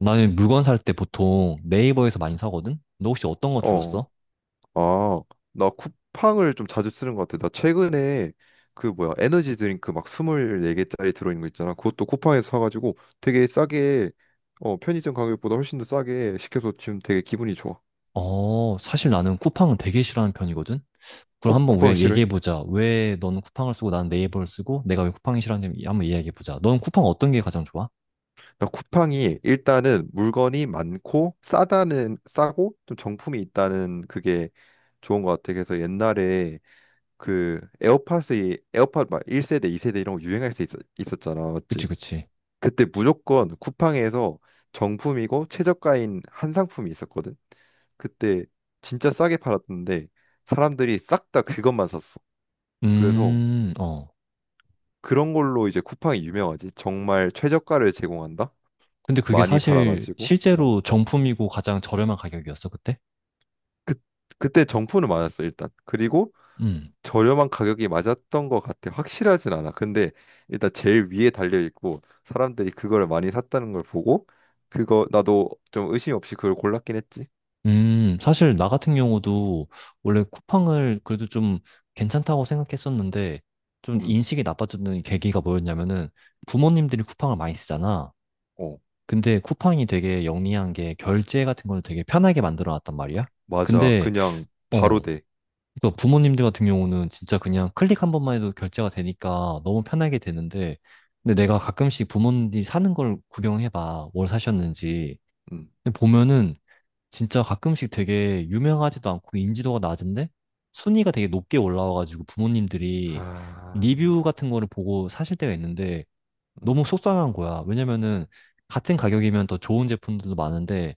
나는 물건 살 때 보통 네이버에서 많이 사거든? 너 혹시 어떤 거 주로 어, 써? 아, 나 쿠팡을 좀 자주 쓰는 것 같아. 나 최근에 그 뭐야, 에너지 드링크 막 24개짜리 들어있는 거 있잖아. 그것도 쿠팡에서 사가지고 되게 싸게, 편의점 가격보다 훨씬 더 싸게 시켜서 지금 되게 기분이 좋아. 어, 사실 나는 쿠팡은 되게 싫어하는 편이거든? 어, 그럼 한번 쿠팡을 우리가 싫어해? 얘기해보자. 왜 너는 쿠팡을 쓰고 나는 네이버를 쓰고 내가 왜 쿠팡이 싫어하는지 한번 이야기해보자. 너는 쿠팡 어떤 게 가장 좋아? 나 쿠팡이 일단은 물건이 많고 싸고 좀 정품이 있다는 그게 좋은 것 같아. 그래서 옛날에 그 에어팟 막 1세대, 2세대 이런 거 유행할 때 있었잖아. 그치, 맞지? 그치. 그때 무조건 쿠팡에서 정품이고 최저가인 한 상품이 있었거든. 그때 진짜 싸게 팔았는데 사람들이 싹 다 그것만 샀어. 그래서 어. 그런 걸로 이제 쿠팡이 유명하지. 정말 최저가를 제공한다. 근데 그게 많이 사실 팔아가지고. 어. 실제로 정품이고 가장 저렴한 가격이었어, 그때? 그 그때 정품은 많았어 일단. 그리고 음. 저렴한 가격이 맞았던 것 같아. 확실하진 않아. 근데 일단 제일 위에 달려 있고 사람들이 그걸 많이 샀다는 걸 보고 그거 나도 좀 의심 없이 그걸 골랐긴 했지. 사실 나 같은 경우도 원래 쿠팡을 그래도 좀 괜찮다고 생각했었는데 좀 음. 인식이 나빠졌던 계기가 뭐였냐면은 부모님들이 쿠팡을 많이 쓰잖아. 어. 근데 쿠팡이 되게 영리한 게 결제 같은 걸 되게 편하게 만들어 놨단 말이야. 맞아. 근데 그냥 바로 어, 돼. 그러니까 부모님들 같은 경우는 진짜 그냥 클릭 한 번만 해도 결제가 되니까 너무 편하게 되는데 근데 내가 가끔씩 부모님들이 사는 걸 구경해 봐. 뭘 사셨는지. 음, 근데 보면은 진짜 가끔씩 되게 유명하지도 않고 인지도가 낮은데 순위가 되게 높게 올라와가지고 부모님들이 아, 리뷰 같은 거를 보고 사실 때가 있는데 음, 너무 속상한 거야. 왜냐면은 같은 가격이면 더 좋은 제품들도 많은데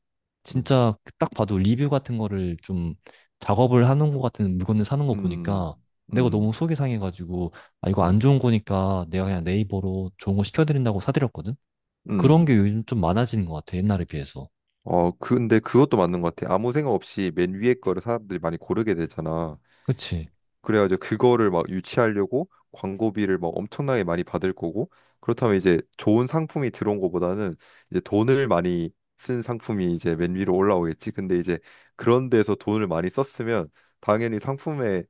음, 진짜 딱 봐도 리뷰 같은 거를 좀 작업을 하는 것 같은 물건을 사는 거 보니까 음, 내가 너무 음, 속이 상해가지고 아 이거 음, 안 좋은 거니까 내가 그냥 네이버로 좋은 거 시켜드린다고 사드렸거든. 그런 음. 게 요즘 좀 많아지는 것 같아 옛날에 비해서. 어, 근데 그것도 맞는 것 같아. 아무 생각 없이 맨 위에 거를 사람들이 많이 고르게 되잖아. 그치? 그래가지고 그거를 막 유치하려고 광고비를 막 엄청나게 많이 받을 거고, 그렇다면 이제 좋은 상품이 들어온 것보다는 이제 돈을 많이 쓴 상품이 이제 맨 위로 올라오겠지. 근데 이제 그런 데서 돈을 많이 썼으면 당연히 상품의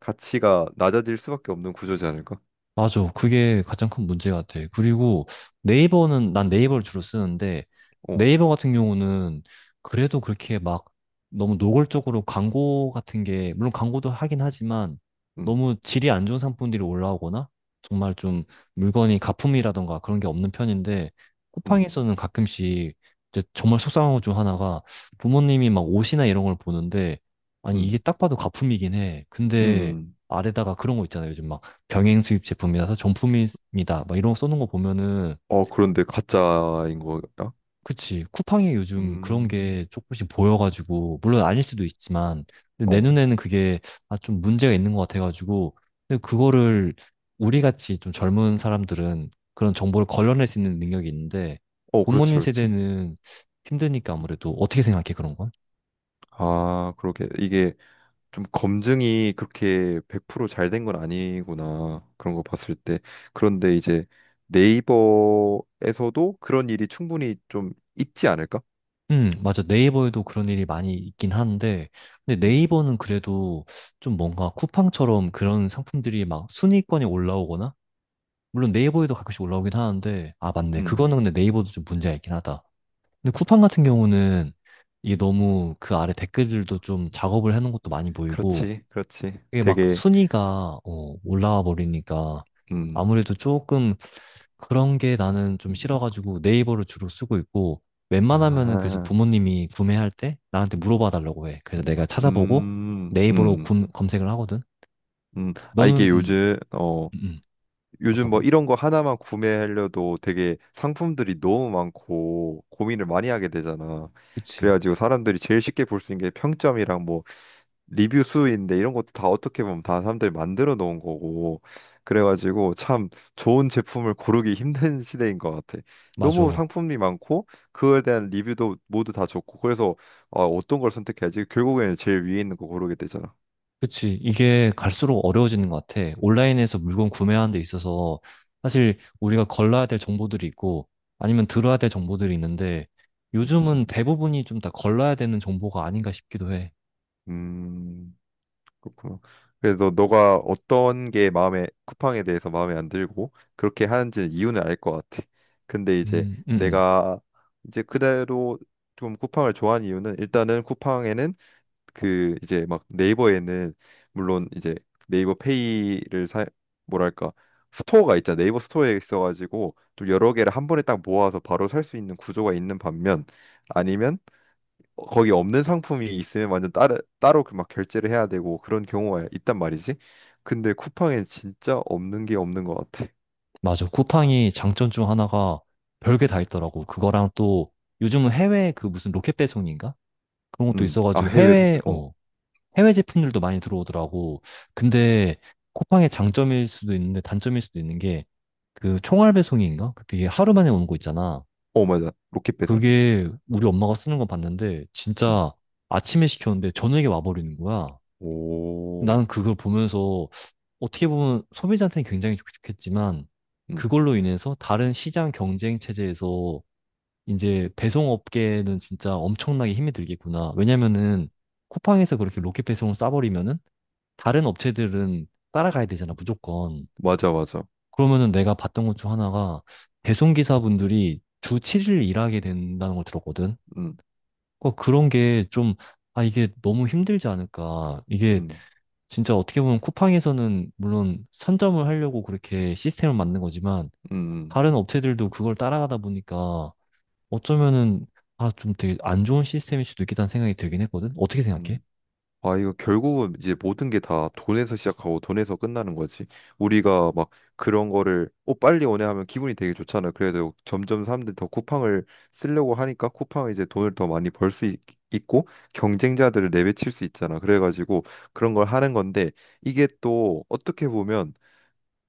가치가 낮아질 수밖에 없는 구조지 않을까? 맞아. 그게 가장 큰 문제 같아. 그리고 네이버는, 난 네이버를 주로 쓰는데, 어, 네이버 같은 경우는 그래도 그렇게 막 너무 노골적으로 광고 같은 게, 물론 광고도 하긴 하지만, 음, 너무 질이 안 좋은 상품들이 올라오거나, 정말 좀 물건이 가품이라던가 그런 게 없는 편인데, 음, 쿠팡에서는 가끔씩 이제 정말 속상한 것 중 하나가 부모님이 막 옷이나 이런 걸 보는데, 아니, 음, 이게 딱 봐도 가품이긴 해. 근데 음. 아래다가 그런 거 있잖아요. 요즘 막. 병행 수입 제품이라서 정품입니다. 막 이런 거 써놓은 거 보면은 어, 그런데 가짜인 거야? 그치 쿠팡이 요즘 그런 음, 게 조금씩 보여가지고 물론 아닐 수도 있지만 근데 내 어, 눈에는 그게 아, 좀 문제가 있는 것 같아가지고 근데 그거를 우리 같이 좀 젊은 사람들은 그런 정보를 걸러낼 수 있는 능력이 있는데 어, 그렇지, 부모님 그렇지. 세대는 힘드니까 아무래도 어떻게 생각해 그런 건? 아, 그러게. 이게 좀 검증이 그렇게 100%잘 된 건 아니구나. 그런 거 봤을 때. 그런데 이제 네이버에서도 그런 일이 충분히 좀 있지 않을까? 맞아. 네이버에도 그런 일이 많이 있긴 한데, 근데 음, 네이버는 그래도 좀 뭔가 쿠팡처럼 그런 상품들이 막 순위권에 올라오거나, 물론 네이버에도 가끔씩 올라오긴 하는데, 아, 음, 맞네. 그거는 음. 근데 네이버도 좀 문제가 있긴 하다. 근데 쿠팡 같은 경우는 이게 너무 그 아래 댓글들도 좀 작업을 해놓은 것도 많이 보이고, 그렇지, 그렇지. 이게 막 되게, 순위가, 어, 올라와 버리니까, 음, 아무래도 조금 그런 게 나는 좀 싫어가지고 네이버를 주로 쓰고 있고 웬만하면은 그래서 아, 부모님이 구매할 때 나한테 물어봐 달라고 해. 그래서 내가 찾아보고 음, 네이버로 음, 검색을 하거든. 아, 너는 이게 요즘, 어, 음, 음. 요즘 어떤 뭐 거? 이런 거 하나만 구매하려도 되게 상품들이 너무 많고 고민을 많이 하게 되잖아. 그치. 그래가지고 사람들이 제일 쉽게 볼 수 있는 게 평점이랑 뭐 리뷰 수인데 이런 것도 다 어떻게 보면 다 사람들이 만들어 놓은 거고. 그래가지고 참 좋은 제품을 고르기 힘든 시대인 것 같아. 너무 맞아. 상품이 많고 그거에 대한 리뷰도 모두 다 좋고 그래서 어떤 걸 선택해야지 결국에는 제일 위에 있는 거 고르게 되잖아. 그치. 이게 갈수록 어려워지는 것 같아. 온라인에서 물건 구매하는 데 있어서 사실 우리가 걸러야 될 정보들이 있고 아니면 들어야 될 정보들이 있는데 그치. 요즘은 대부분이 좀 다 걸러야 되는 정보가 아닌가 싶기도 해. 음. 그렇구나. 그래서 너가 어떤 게 마음에 쿠팡에 대해서 마음에 안 들고 그렇게 하는지는 이유는 알 것 같아. 근데 이제 음, 음, 음. 내가 이제 그대로 좀 쿠팡을 좋아하는 이유는 일단은 쿠팡에는 그 이제 막 네이버에는 물론 이제 네이버 페이를 사 뭐랄까 스토어가 있잖아. 네이버 스토어에 있어가지고 좀 여러 개를 한 번에 딱 모아서 바로 살 수 있는 구조가 있는 반면 아니면 거기 없는 상품이 있으면 완전 따로 따로 그 막 결제를 해야 되고 그런 경우가 있단 말이지. 근데 쿠팡에 진짜 없는 게 없는 것 같아. 맞아. 쿠팡이 장점 중 하나가 별게 다 있더라고. 그거랑 또 요즘은 해외 그 무슨 로켓 배송인가? 그런 것도 아 있어가지고 해외도 해외, 어, 어, 해외 제품들도 많이 들어오더라고. 근데 쿠팡의 장점일 수도 있는데 단점일 수도 있는 게 그 총알 배송인가? 그게 하루 만에 오는 거 있잖아. 어 맞아. 로켓 배송? 그게 우리 엄마가 쓰는 거 봤는데 음, 진짜 아침에 시켰는데 저녁에 와버리는 거야. 오, 나는 그걸 보면서 어떻게 보면 소비자한테는 굉장히 좋겠지만 음, 그걸로 인해서 다른 시장 경쟁 체제에서 이제 배송업계는 진짜 엄청나게 힘이 들겠구나. 왜냐면은 쿠팡에서 그렇게 로켓 배송을 싸버리면은 다른 업체들은 따라가야 되잖아, 무조건. 맞아 맞아. 그러면은 내가 봤던 것 중 하나가 배송기사분들이 주 7일 일하게 된다는 걸 들었거든. 음, 어, 그런 게 좀, 아, 이게 너무 힘들지 않을까. 이게 음, 진짜 어떻게 보면 쿠팡에서는 물론 선점을 하려고 그렇게 시스템을 만든 거지만 음, 음. 다른 업체들도 그걸 따라가다 보니까 어쩌면은 아, 좀 되게 안 좋은 시스템일 수도 있겠다는 생각이 들긴 했거든. 어떻게 생각해? 음. 아, 이거 결국은 이제 모든 게 다 돈에서 시작하고 돈에서 끝나는 거지. 우리가 막 그런 거를 어 빨리 오네 하면 기분이 되게 좋잖아. 그래도 점점 사람들이 더 쿠팡을 쓰려고 하니까 쿠팡은 이제 돈을 더 많이 벌 수 있고 경쟁자들을 내배칠 수 있잖아. 그래가지고 그런 걸 하는 건데 이게 또 어떻게 보면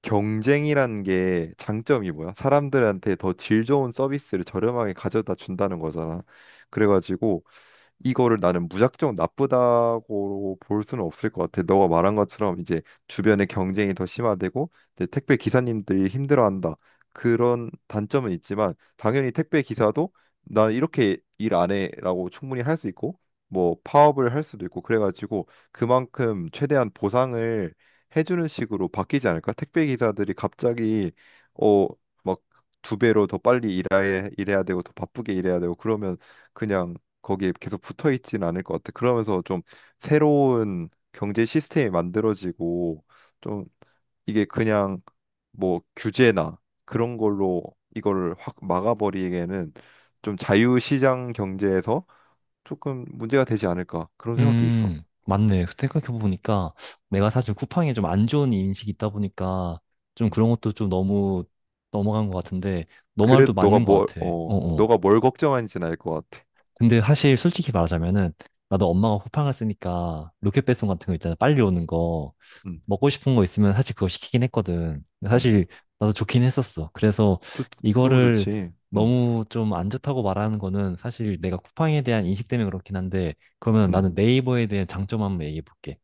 경쟁이란 게 장점이 뭐야? 사람들한테 더 질 좋은 서비스를 저렴하게 가져다 준다는 거잖아. 그래가지고 이거를 나는 무작정 나쁘다고 볼 수는 없을 것 같아. 너가 말한 것처럼 이제 주변의 경쟁이 더 심화되고 이제 택배 기사님들이 힘들어한다. 그런 단점은 있지만 당연히 택배 기사도 난 이렇게 일 안 해라고 충분히 할 수 있고 뭐 파업을 할 수도 있고 그래가지고 그만큼 최대한 보상을 해주는 식으로 바뀌지 않을까? 택배 기사들이 갑자기 어 막 두 배로 더 빨리 일해야 되고 더 바쁘게 일해야 되고 그러면 그냥 거기에 계속 붙어 있진 않을 것 같아. 그러면서 좀 새로운 경제 시스템이 만들어지고 좀 이게 그냥 뭐 규제나 그런 걸로 이걸 확 막아버리기에는 좀 자유시장 경제에서 조금 문제가 되지 않을까 그런 생각도 있어. 맞네. 생각해보니까 내가 사실 쿠팡에 좀 안 좋은 인식이 있다 보니까 좀 음. 그런 것도 좀 너무 넘어간 것 같은데 너 말도 그래도 맞는 것 같아. 어어. 너가 뭘 걱정하는지는 알 것 같아. 근데 사실 솔직히 말하자면은 나도 엄마가 쿠팡을 쓰니까 로켓 배송 같은 거 있잖아. 빨리 오는 거. 음, 먹고 싶은 거 있으면 사실 그거 시키긴 했거든. 근데 음. 사실 나도 좋긴 했었어. 그래서 좋, 너무 이거를 좋지. 너무 좀 안 좋다고 말하는 거는 사실 내가 쿠팡에 대한 인식 때문에 그렇긴 한데 그러면 음. 나는 네이버에 대한 장점 한번 얘기해 볼게.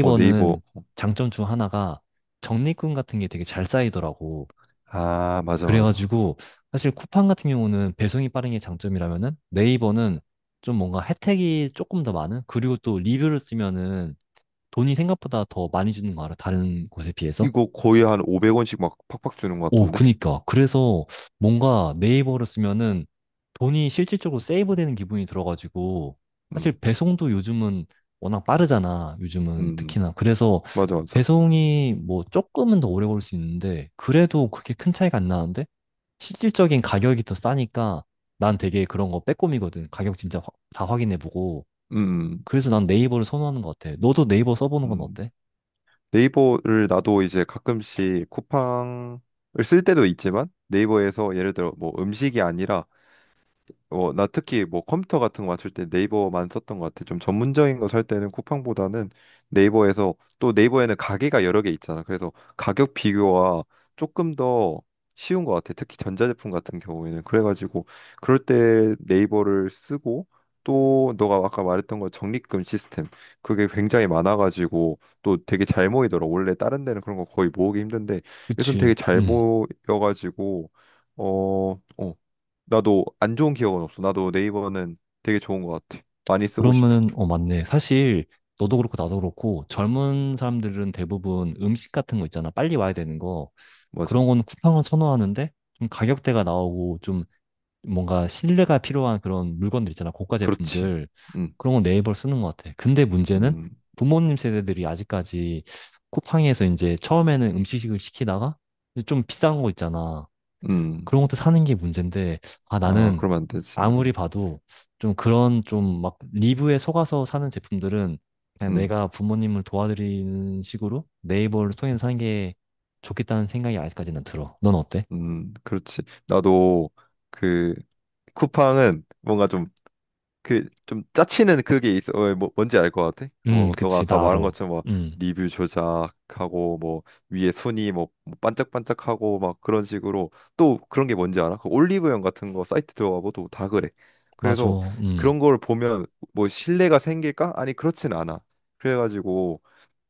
어, 네이버. 장점 중 하나가 적립금 같은 게 되게 잘 쌓이더라고. 아, 맞아, 맞아. 그래가지고 사실 쿠팡 같은 경우는 배송이 빠른 게 장점이라면은 네이버는 좀 뭔가 혜택이 조금 더 많은? 그리고 또 리뷰를 쓰면은 돈이 생각보다 더 많이 주는 거 알아? 다른 곳에 비해서? 이거 거의 한 500원씩 막 팍팍 주는 것 오, 같던데. 그니까. 그래서 뭔가 네이버를 쓰면은 돈이 실질적으로 세이브되는 기분이 들어가지고 사실 음, 배송도 요즘은 워낙 빠르잖아. 음, 요즘은 음. 특히나. 그래서 맞아, 맞아. 배송이 뭐 조금은 더 오래 걸 수 있는데 그래도 그렇게 큰 차이가 안 나는데 실질적인 가격이 더 싸니까 난 되게 그런 거 빼꼼이거든. 가격 진짜 다 확인해보고. 음, 음. 그래서 난 네이버를 선호하는 것 같아. 너도 네이버 써보는 건 음. 어때? 네이버를 나도 이제 가끔씩 쿠팡을 쓸 때도 있지만 네이버에서 예를 들어 뭐 음식이 아니라 나 특히 뭐 컴퓨터 같은 거 맞출 때 네이버만 썼던 것 같아. 좀 전문적인 거 살 때는 쿠팡보다는 네이버에서 또 네이버에는 가게가 여러 개 있잖아. 그래서 가격 비교가 조금 더 쉬운 것 같아. 특히 전자제품 같은 경우에는. 그래가지고 그럴 때 네이버를 쓰고 또 너가 아까 말했던 거 적립금 시스템 그게 굉장히 많아가지고 또 되게 잘 모이더라. 원래 다른 데는 그런 거 거의 모으기 힘든데 여기선 그치. 되게 잘 모여가지고 어, 어, 나도 안 좋은 기억은 없어. 나도 네이버는 되게 좋은 것 같아. 많이 쓰고 싶어. 그러면은, 어, 맞네. 사실, 너도 그렇고, 나도 그렇고, 젊은 사람들은 대부분 음식 같은 거 있잖아. 빨리 와야 되는 거. 맞아. 그런 거는 쿠팡을 선호하는데, 좀 가격대가 나오고, 좀 뭔가 신뢰가 필요한 그런 물건들 있잖아. 고가 그렇지. 제품들. 음, 그런 건 네이버를 쓰는 것 같아. 근데 문제는 음, 부모님 세대들이 아직까지 쿠팡에서 이제 처음에는 음식을 시키다가, 좀 비싼 거 있잖아. 음. 그런 것도 사는 게 문제인데, 아, 아, 나는 그러면 안 되지. 아무리 봐도 좀 그런 좀 막 리뷰에 속아서 사는 제품들은 그냥 음, 내가 부모님을 도와드리는 식으로 네이버를 통해서 사는 게 좋겠다는 생각이 아직까지는 들어. 넌 어때? 그렇지. 나도 그 쿠팡은 뭔가 좀 그 좀 짜치는 그게 있어. 어, 뭐 뭔지 알 것 같아? 뭐 너가 그치, 아까 나 말한 알아. 것처럼 뭐 음, 리뷰 조작하고 뭐 위에 순위 뭐뭐 반짝반짝하고 막 그런 식으로 또 그런 게 뭔지 알아? 그 올리브영 같은 거 사이트 들어가봐도 다 그래. 맞아. 그래서 음. 그런 걸 보면 뭐 신뢰가 생길까? 아니 그렇진 않아. 그래가지고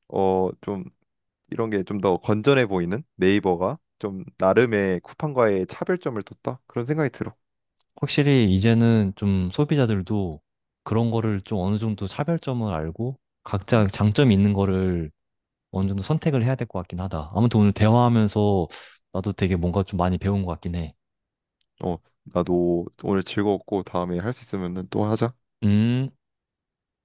좀 이런 게 좀 더 건전해 보이는 네이버가 좀 나름의 쿠팡과의 차별점을 뒀다 그런 생각이 들어. 확실히 이제는 좀 소비자들도 그런 거를 좀 어느 정도 차별점을 알고 각자 음. 장점이 있는 거를 어느 정도 선택을 해야 될 것 같긴 하다. 아무튼 오늘 대화하면서 나도 되게 뭔가 좀 많이 배운 것 같긴 해. 어, 나도 오늘 즐거웠고 다음에 할 수 있으면은 또 하자. 음.